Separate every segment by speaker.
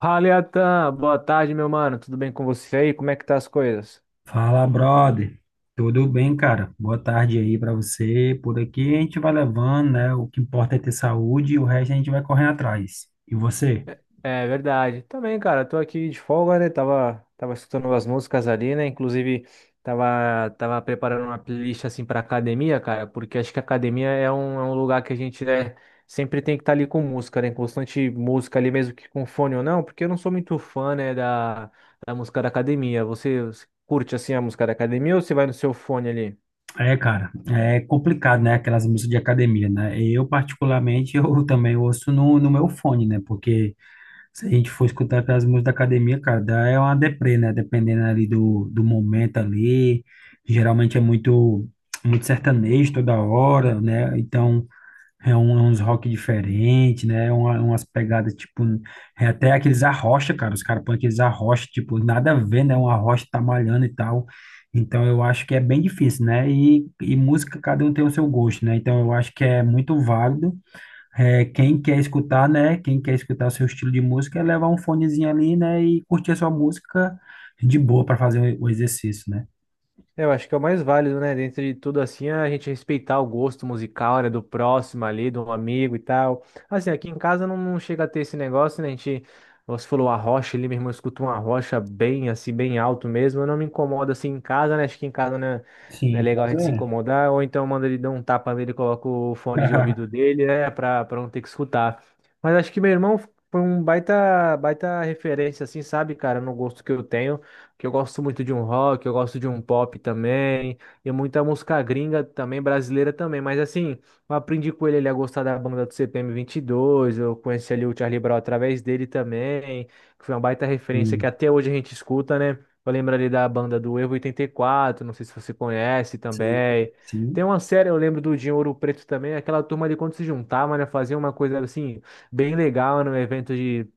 Speaker 1: Fala, Iatan. Boa tarde, meu mano. Tudo bem com você aí? Como é que tá as coisas?
Speaker 2: Fala, brother. Tudo bem, cara? Boa tarde aí pra você. Por aqui a gente vai levando, né? O que importa é ter saúde e o resto a gente vai correndo atrás. E você?
Speaker 1: É verdade. Também, cara, tô aqui de folga, né? Tava escutando umas músicas ali, né? Inclusive, tava preparando uma playlist assim pra academia, cara, porque acho que a academia é um lugar que a gente, né, sempre tem que estar ali com música, né? Constante música ali, mesmo que com fone ou não, porque eu não sou muito fã, né, da música da academia. Você curte assim a música da academia ou você vai no seu fone ali?
Speaker 2: É, cara, é complicado, né? Aquelas músicas de academia, né? Eu, particularmente, eu também ouço no meu fone, né? Porque se a gente for escutar aquelas músicas da academia, cara, dá é uma deprê, né? Dependendo ali do momento ali. Geralmente é muito, muito sertanejo toda hora, né? Então. É uns rock diferente, né? É umas pegadas, tipo, é até aqueles arrocha, cara. Os caras põem aqueles arrocha, tipo, nada a ver, né? Um arrocha tá malhando e tal. Então eu acho que é bem difícil, né? E música, cada um tem o seu gosto, né? Então eu acho que é muito válido. É, quem quer escutar, né? Quem quer escutar o seu estilo de música é levar um fonezinho ali, né? E curtir a sua música de boa para fazer o exercício, né?
Speaker 1: É, eu acho que é o mais válido, né? Dentro de tudo assim, é a gente respeitar o gosto musical, né, do próximo ali, do amigo e tal. Assim, aqui em casa não chega a ter esse negócio, né? A gente, você falou a rocha ali, meu irmão escuta uma rocha bem assim, bem alto mesmo. Eu não me incomodo assim em casa, né? Acho que em casa né, não é
Speaker 2: Sim,
Speaker 1: legal a
Speaker 2: mas
Speaker 1: gente se
Speaker 2: é.
Speaker 1: incomodar. Ou então manda ele dar um tapa nele, coloca o fone de ouvido dele, né? Pra não ter que escutar. Mas acho que meu irmão foi um baita, baita referência, assim, sabe, cara, no gosto que eu tenho que eu gosto muito de um rock, eu gosto de um pop também, e muita música gringa também, brasileira também, mas assim, eu aprendi com ele, a gostar da banda do CPM 22, eu conheci ali o Charlie Brown através dele também, que foi uma baita referência que
Speaker 2: Sim,
Speaker 1: até hoje a gente escuta, né? Eu lembro ali da banda do Evo 84, não sei se você conhece
Speaker 2: sim,
Speaker 1: também. Tem
Speaker 2: sim.
Speaker 1: uma série, eu lembro do Dinho Ouro Preto também, aquela turma ali quando se juntava, né? Fazia uma coisa assim, bem legal, num evento de,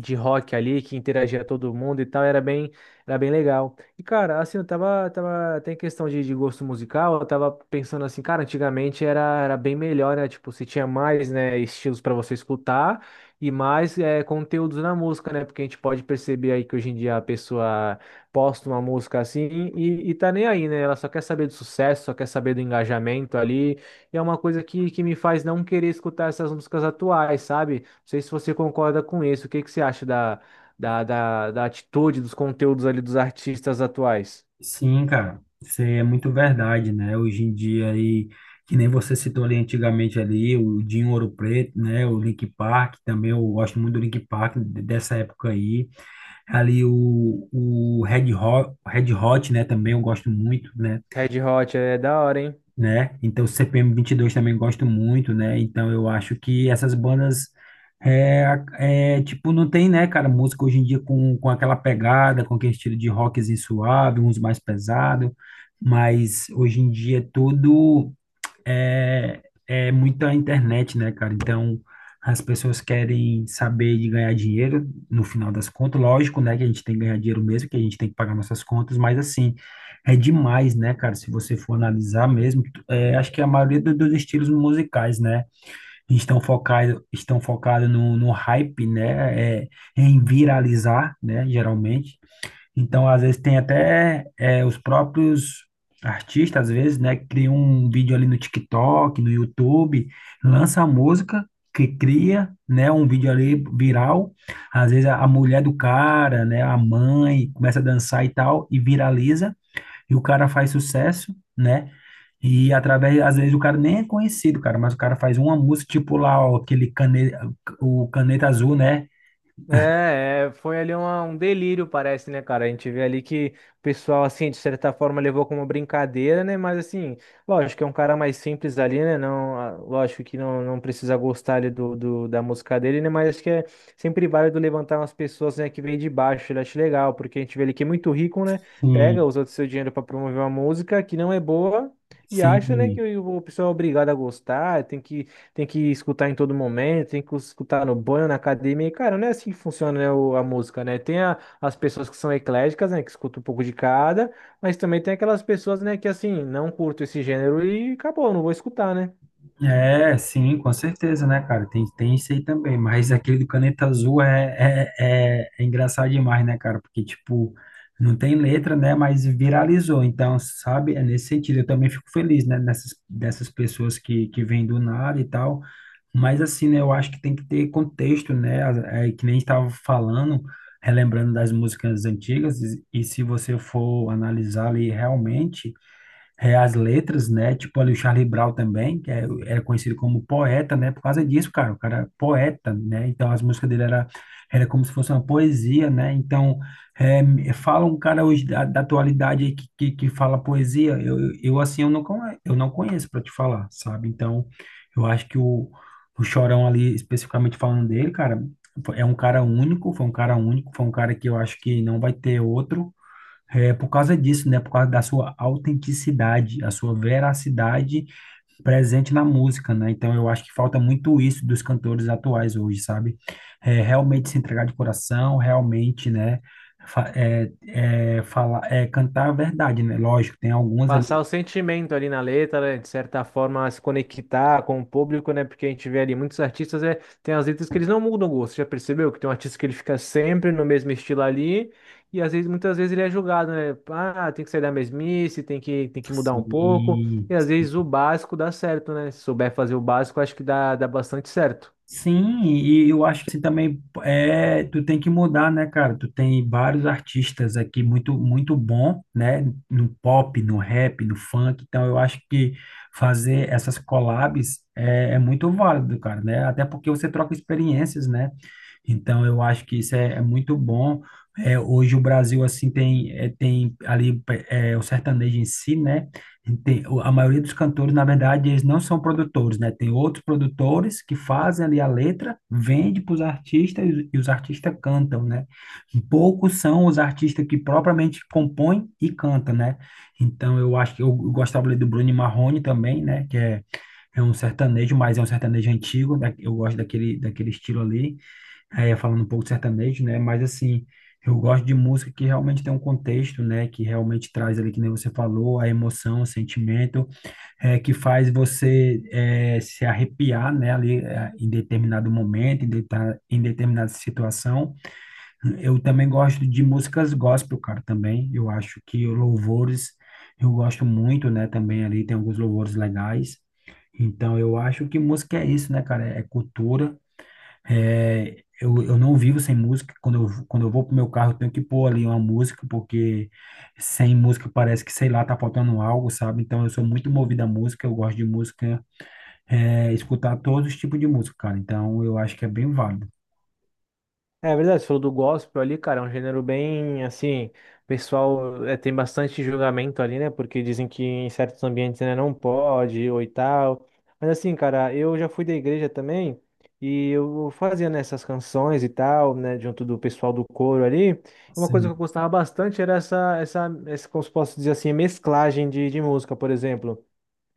Speaker 1: de rock ali, que interagia todo mundo e tal, era bem legal. E, cara, assim, eu tava até em questão de gosto musical, eu tava pensando assim, cara, antigamente era bem melhor, né? Tipo, você tinha mais, né, estilos para você escutar e mais é, conteúdos na música, né? Porque a gente pode perceber aí que hoje em dia a pessoa posta uma música assim e tá nem aí, né? Ela só quer saber do sucesso, só quer saber do engajamento ali. E é uma coisa que me faz não querer escutar essas músicas atuais, sabe? Não sei se você concorda com isso. O que que você acha da atitude, dos conteúdos ali dos artistas atuais.
Speaker 2: Sim, cara, isso aí é muito verdade, né? Hoje em dia aí, que nem você citou ali antigamente ali, o Dinho Ouro Preto, né? O link Park, também eu gosto muito do link Park dessa época aí. Ali o Red Hot, Red Hot, né? Também eu gosto muito, né?
Speaker 1: Red Hot é da hora, hein?
Speaker 2: né? Então, CPM dois também gosto muito, né? Então, eu acho que essas bandas, é, tipo, não tem, né, cara, música hoje em dia com aquela pegada, com aquele estilo de rockzinho suave, uns mais pesado, mas hoje em dia é tudo é, é muita internet, né, cara? Então, as pessoas querem saber de ganhar dinheiro, no final das contas, lógico, né, que a gente tem que ganhar dinheiro mesmo, que a gente tem que pagar nossas contas, mas assim, é demais, né, cara? Se você for analisar mesmo, acho que a maioria dos estilos musicais, né, estão focado no hype, né, em viralizar, né, geralmente. Então, às vezes, tem até os próprios artistas, às vezes, né, que criam um vídeo ali no TikTok, no YouTube, lança a música, que cria, né, um vídeo ali viral. Às vezes, a mulher do cara, né, a mãe, começa a dançar e tal, e viraliza, e o cara faz sucesso, né? E através, às vezes, o cara nem é conhecido, cara, mas o cara faz uma música, tipo lá, ó, aquele caneta, o Caneta Azul, né?
Speaker 1: Foi ali um delírio, parece, né, cara? A gente vê ali que o pessoal, assim, de certa forma levou como brincadeira, né? Mas, assim, lógico, é um cara mais simples ali, né? Não, ah, lógico que não, não precisa gostar ali da música dele, né? Mas acho que é sempre válido levantar umas pessoas, né, que vêm de baixo. Eu acho legal, porque a gente vê ali que é muito rico, né? Pega,
Speaker 2: Sim.
Speaker 1: usa o seu dinheiro para promover uma música que não é boa. E acha, né, que
Speaker 2: Sim,
Speaker 1: o pessoal é obrigado a gostar, tem que escutar em todo momento, tem que escutar no banho, na academia. E, cara, não é assim que funciona, né, a música, né? Tem as pessoas que são ecléticas, né, que escutam um pouco de cada, mas também tem aquelas pessoas, né, que assim, não curto esse gênero e acabou, não vou escutar, né?
Speaker 2: é, sim, com certeza, né, cara? Tem isso aí também, mas aquele do Caneta Azul é engraçado demais, né, cara? Porque, tipo, não tem letra, né, mas viralizou. Então, sabe, é nesse sentido. Eu também fico feliz, né, dessas pessoas que vêm do nada e tal. Mas, assim, né, eu acho que tem que ter contexto, né? É, que nem estava falando, relembrando das músicas antigas, e se você for analisar ali realmente as letras, né? Tipo ali o Charlie Brown também, que era conhecido como poeta, né? Por causa disso, cara, o cara é poeta, né? Então as músicas dele era como se fosse uma poesia, né? Então fala um cara hoje da atualidade aí que, fala poesia, assim eu eu não conheço para te falar, sabe? Então eu acho que o Chorão ali, especificamente falando dele, cara, é um cara único, foi um cara único, foi um cara que eu acho que não vai ter outro. É por causa disso, né? Por causa da sua autenticidade, a sua veracidade presente na música, né? Então eu acho que falta muito isso dos cantores atuais hoje, sabe? É, realmente se entregar de coração, realmente, né? Fa- É, falar, cantar a verdade, né? Lógico, tem algumas ali.
Speaker 1: Passar o sentimento ali na letra, né, de certa forma se conectar com o público, né? Porque a gente vê ali muitos artistas, é, tem as letras que eles não mudam o gosto. Já percebeu que tem um artista que ele fica sempre no mesmo estilo ali, e às vezes, muitas vezes ele é julgado, né? Ah, tem que sair da mesmice, tem que mudar um pouco. E
Speaker 2: Sim.
Speaker 1: às vezes o básico dá certo, né? Se souber fazer o básico, acho que dá bastante certo.
Speaker 2: Sim, e eu acho que assim, também tu tem que mudar, né, cara? Tu tem vários artistas aqui muito muito bom, né, no pop, no rap, no funk. Então eu acho que fazer essas collabs é muito válido, cara, né? Até porque você troca experiências, né? Então eu acho que isso é muito bom. É, hoje o Brasil assim tem ali o sertanejo em si, né? Tem, a maioria dos cantores, na verdade, eles não são produtores, né? Tem outros produtores que fazem ali a letra, vende para os artistas e os artistas cantam, né? Poucos são os artistas que propriamente compõem e cantam, né? Então, eu acho que eu gostava ali do Bruno Marrone também, né? Que é um sertanejo, mas é um sertanejo antigo, né? Eu gosto daquele estilo ali. É, falando um pouco de sertanejo, né? Mas assim, eu gosto de música que realmente tem um contexto, né? Que realmente traz ali, que nem você falou, a emoção, o sentimento, que faz você se arrepiar, né? Ali em determinado momento, em determinada situação. Eu também gosto de músicas gospel, cara, também. Eu acho que louvores, eu gosto muito, né? Também ali tem alguns louvores legais. Então, eu acho que música é isso, né, cara? É cultura. É, eu não vivo sem música. Quando eu vou pro meu carro, eu tenho que pôr ali uma música, porque sem música parece que, sei lá, tá faltando algo, sabe? Então eu sou muito movido à música, eu gosto de música, escutar todos os tipos de música, cara. Então eu acho que é bem válido.
Speaker 1: É verdade, você falou do gospel ali, cara, é um gênero bem assim, o pessoal é, tem bastante julgamento ali, né? Porque dizem que em certos ambientes né, não pode ou e tal. Mas assim, cara, eu já fui da igreja também e eu fazia nessas canções e tal, né, junto do pessoal do coro ali. Uma coisa que eu
Speaker 2: Sim,
Speaker 1: gostava bastante era essa, como se posso dizer assim, mesclagem de música, por exemplo.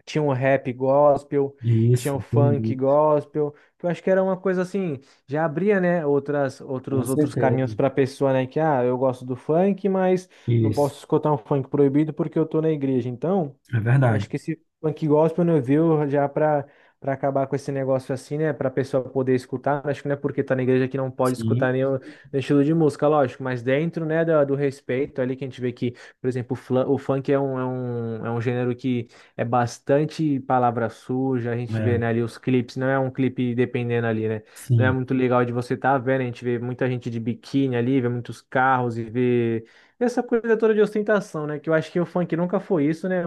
Speaker 1: Tinha um rap gospel, tinha
Speaker 2: isso,
Speaker 1: um funk
Speaker 2: entendi.
Speaker 1: gospel, que eu acho que era uma coisa assim, já abria, né,
Speaker 2: Com
Speaker 1: outros caminhos
Speaker 2: certeza.
Speaker 1: para a pessoa, né, que, ah, eu gosto do funk, mas não
Speaker 2: Isso.
Speaker 1: posso escutar um funk proibido porque eu tô na igreja. Então,
Speaker 2: É verdade.
Speaker 1: acho que esse funk gospel, né, viu, já para acabar com esse negócio assim, né, para a pessoa poder escutar, acho que não é porque tá na igreja que não pode escutar
Speaker 2: Sim.
Speaker 1: nenhum estilo de música, lógico, mas dentro, né, do respeito ali que a gente vê que, por exemplo, o, o funk é um gênero que é bastante palavra suja, a gente vê,
Speaker 2: É,
Speaker 1: né, ali os clipes, não é um clipe dependendo ali, né, não é
Speaker 2: sim.
Speaker 1: muito legal de você estar vendo, a gente vê muita gente de biquíni ali, vê muitos carros e vê essa coisa toda de ostentação, né, que eu acho que o funk nunca foi isso, né.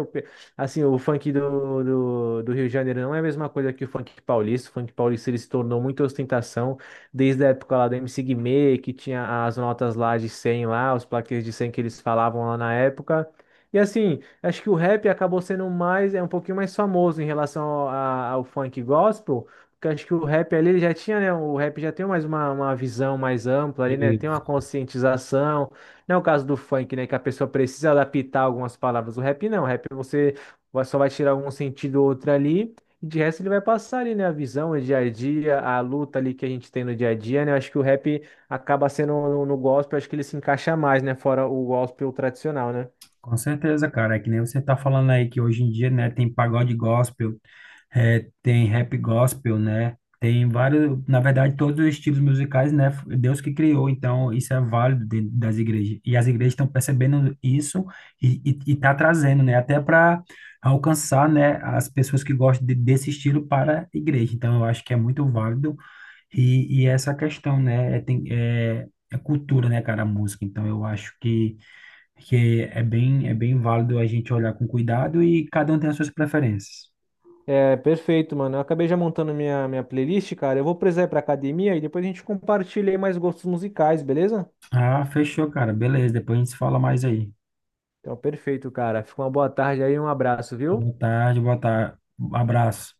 Speaker 1: Assim, o funk do Rio de Janeiro não é a mesma coisa que o funk paulista. O funk paulista ele se tornou muita ostentação desde a época lá do MC Guimê, que tinha as notas lá de 100 lá, os plaquês de 100 que eles falavam lá na época. E assim, acho que o rap acabou sendo mais, é um pouquinho mais famoso em relação ao, ao funk gospel, porque acho que o rap ali ele já tinha, né? O rap já tem mais uma visão mais ampla ali, né? Tem uma
Speaker 2: Isso.
Speaker 1: conscientização. Não é o caso do funk, né? Que a pessoa precisa adaptar algumas palavras. O rap não. O rap você só vai tirar um sentido ou outro ali. E de resto ele vai passar ali, né? A visão, o dia a dia, a luta ali que a gente tem no dia a dia, né? Eu acho que o rap acaba sendo no, no gospel, acho que ele se encaixa mais, né? Fora o gospel tradicional, né?
Speaker 2: Com certeza, cara. É que nem você tá falando aí que hoje em dia, né, tem pagode gospel. É, tem rap gospel, né? Tem vários, na verdade, todos os estilos musicais, né? Foi Deus que criou, então isso é válido dentro das igrejas. E as igrejas estão percebendo isso e tá trazendo, né? Até para alcançar, né? As pessoas que gostam desse estilo para a igreja. Então eu acho que é muito válido e essa questão, né? É, tem, é cultura, né, cara, a música. Então eu acho que é bem válido a gente olhar com cuidado e cada um tem as suas preferências.
Speaker 1: É, perfeito, mano. Eu acabei já montando minha playlist, cara. Eu vou precisar ir pra academia e depois a gente compartilha aí mais gostos musicais, beleza?
Speaker 2: Ah, fechou, cara. Beleza. Depois a gente se fala mais aí.
Speaker 1: Então, perfeito, cara. Fica uma boa tarde aí, e um abraço, viu?
Speaker 2: Boa tarde, boa tarde. Abraço.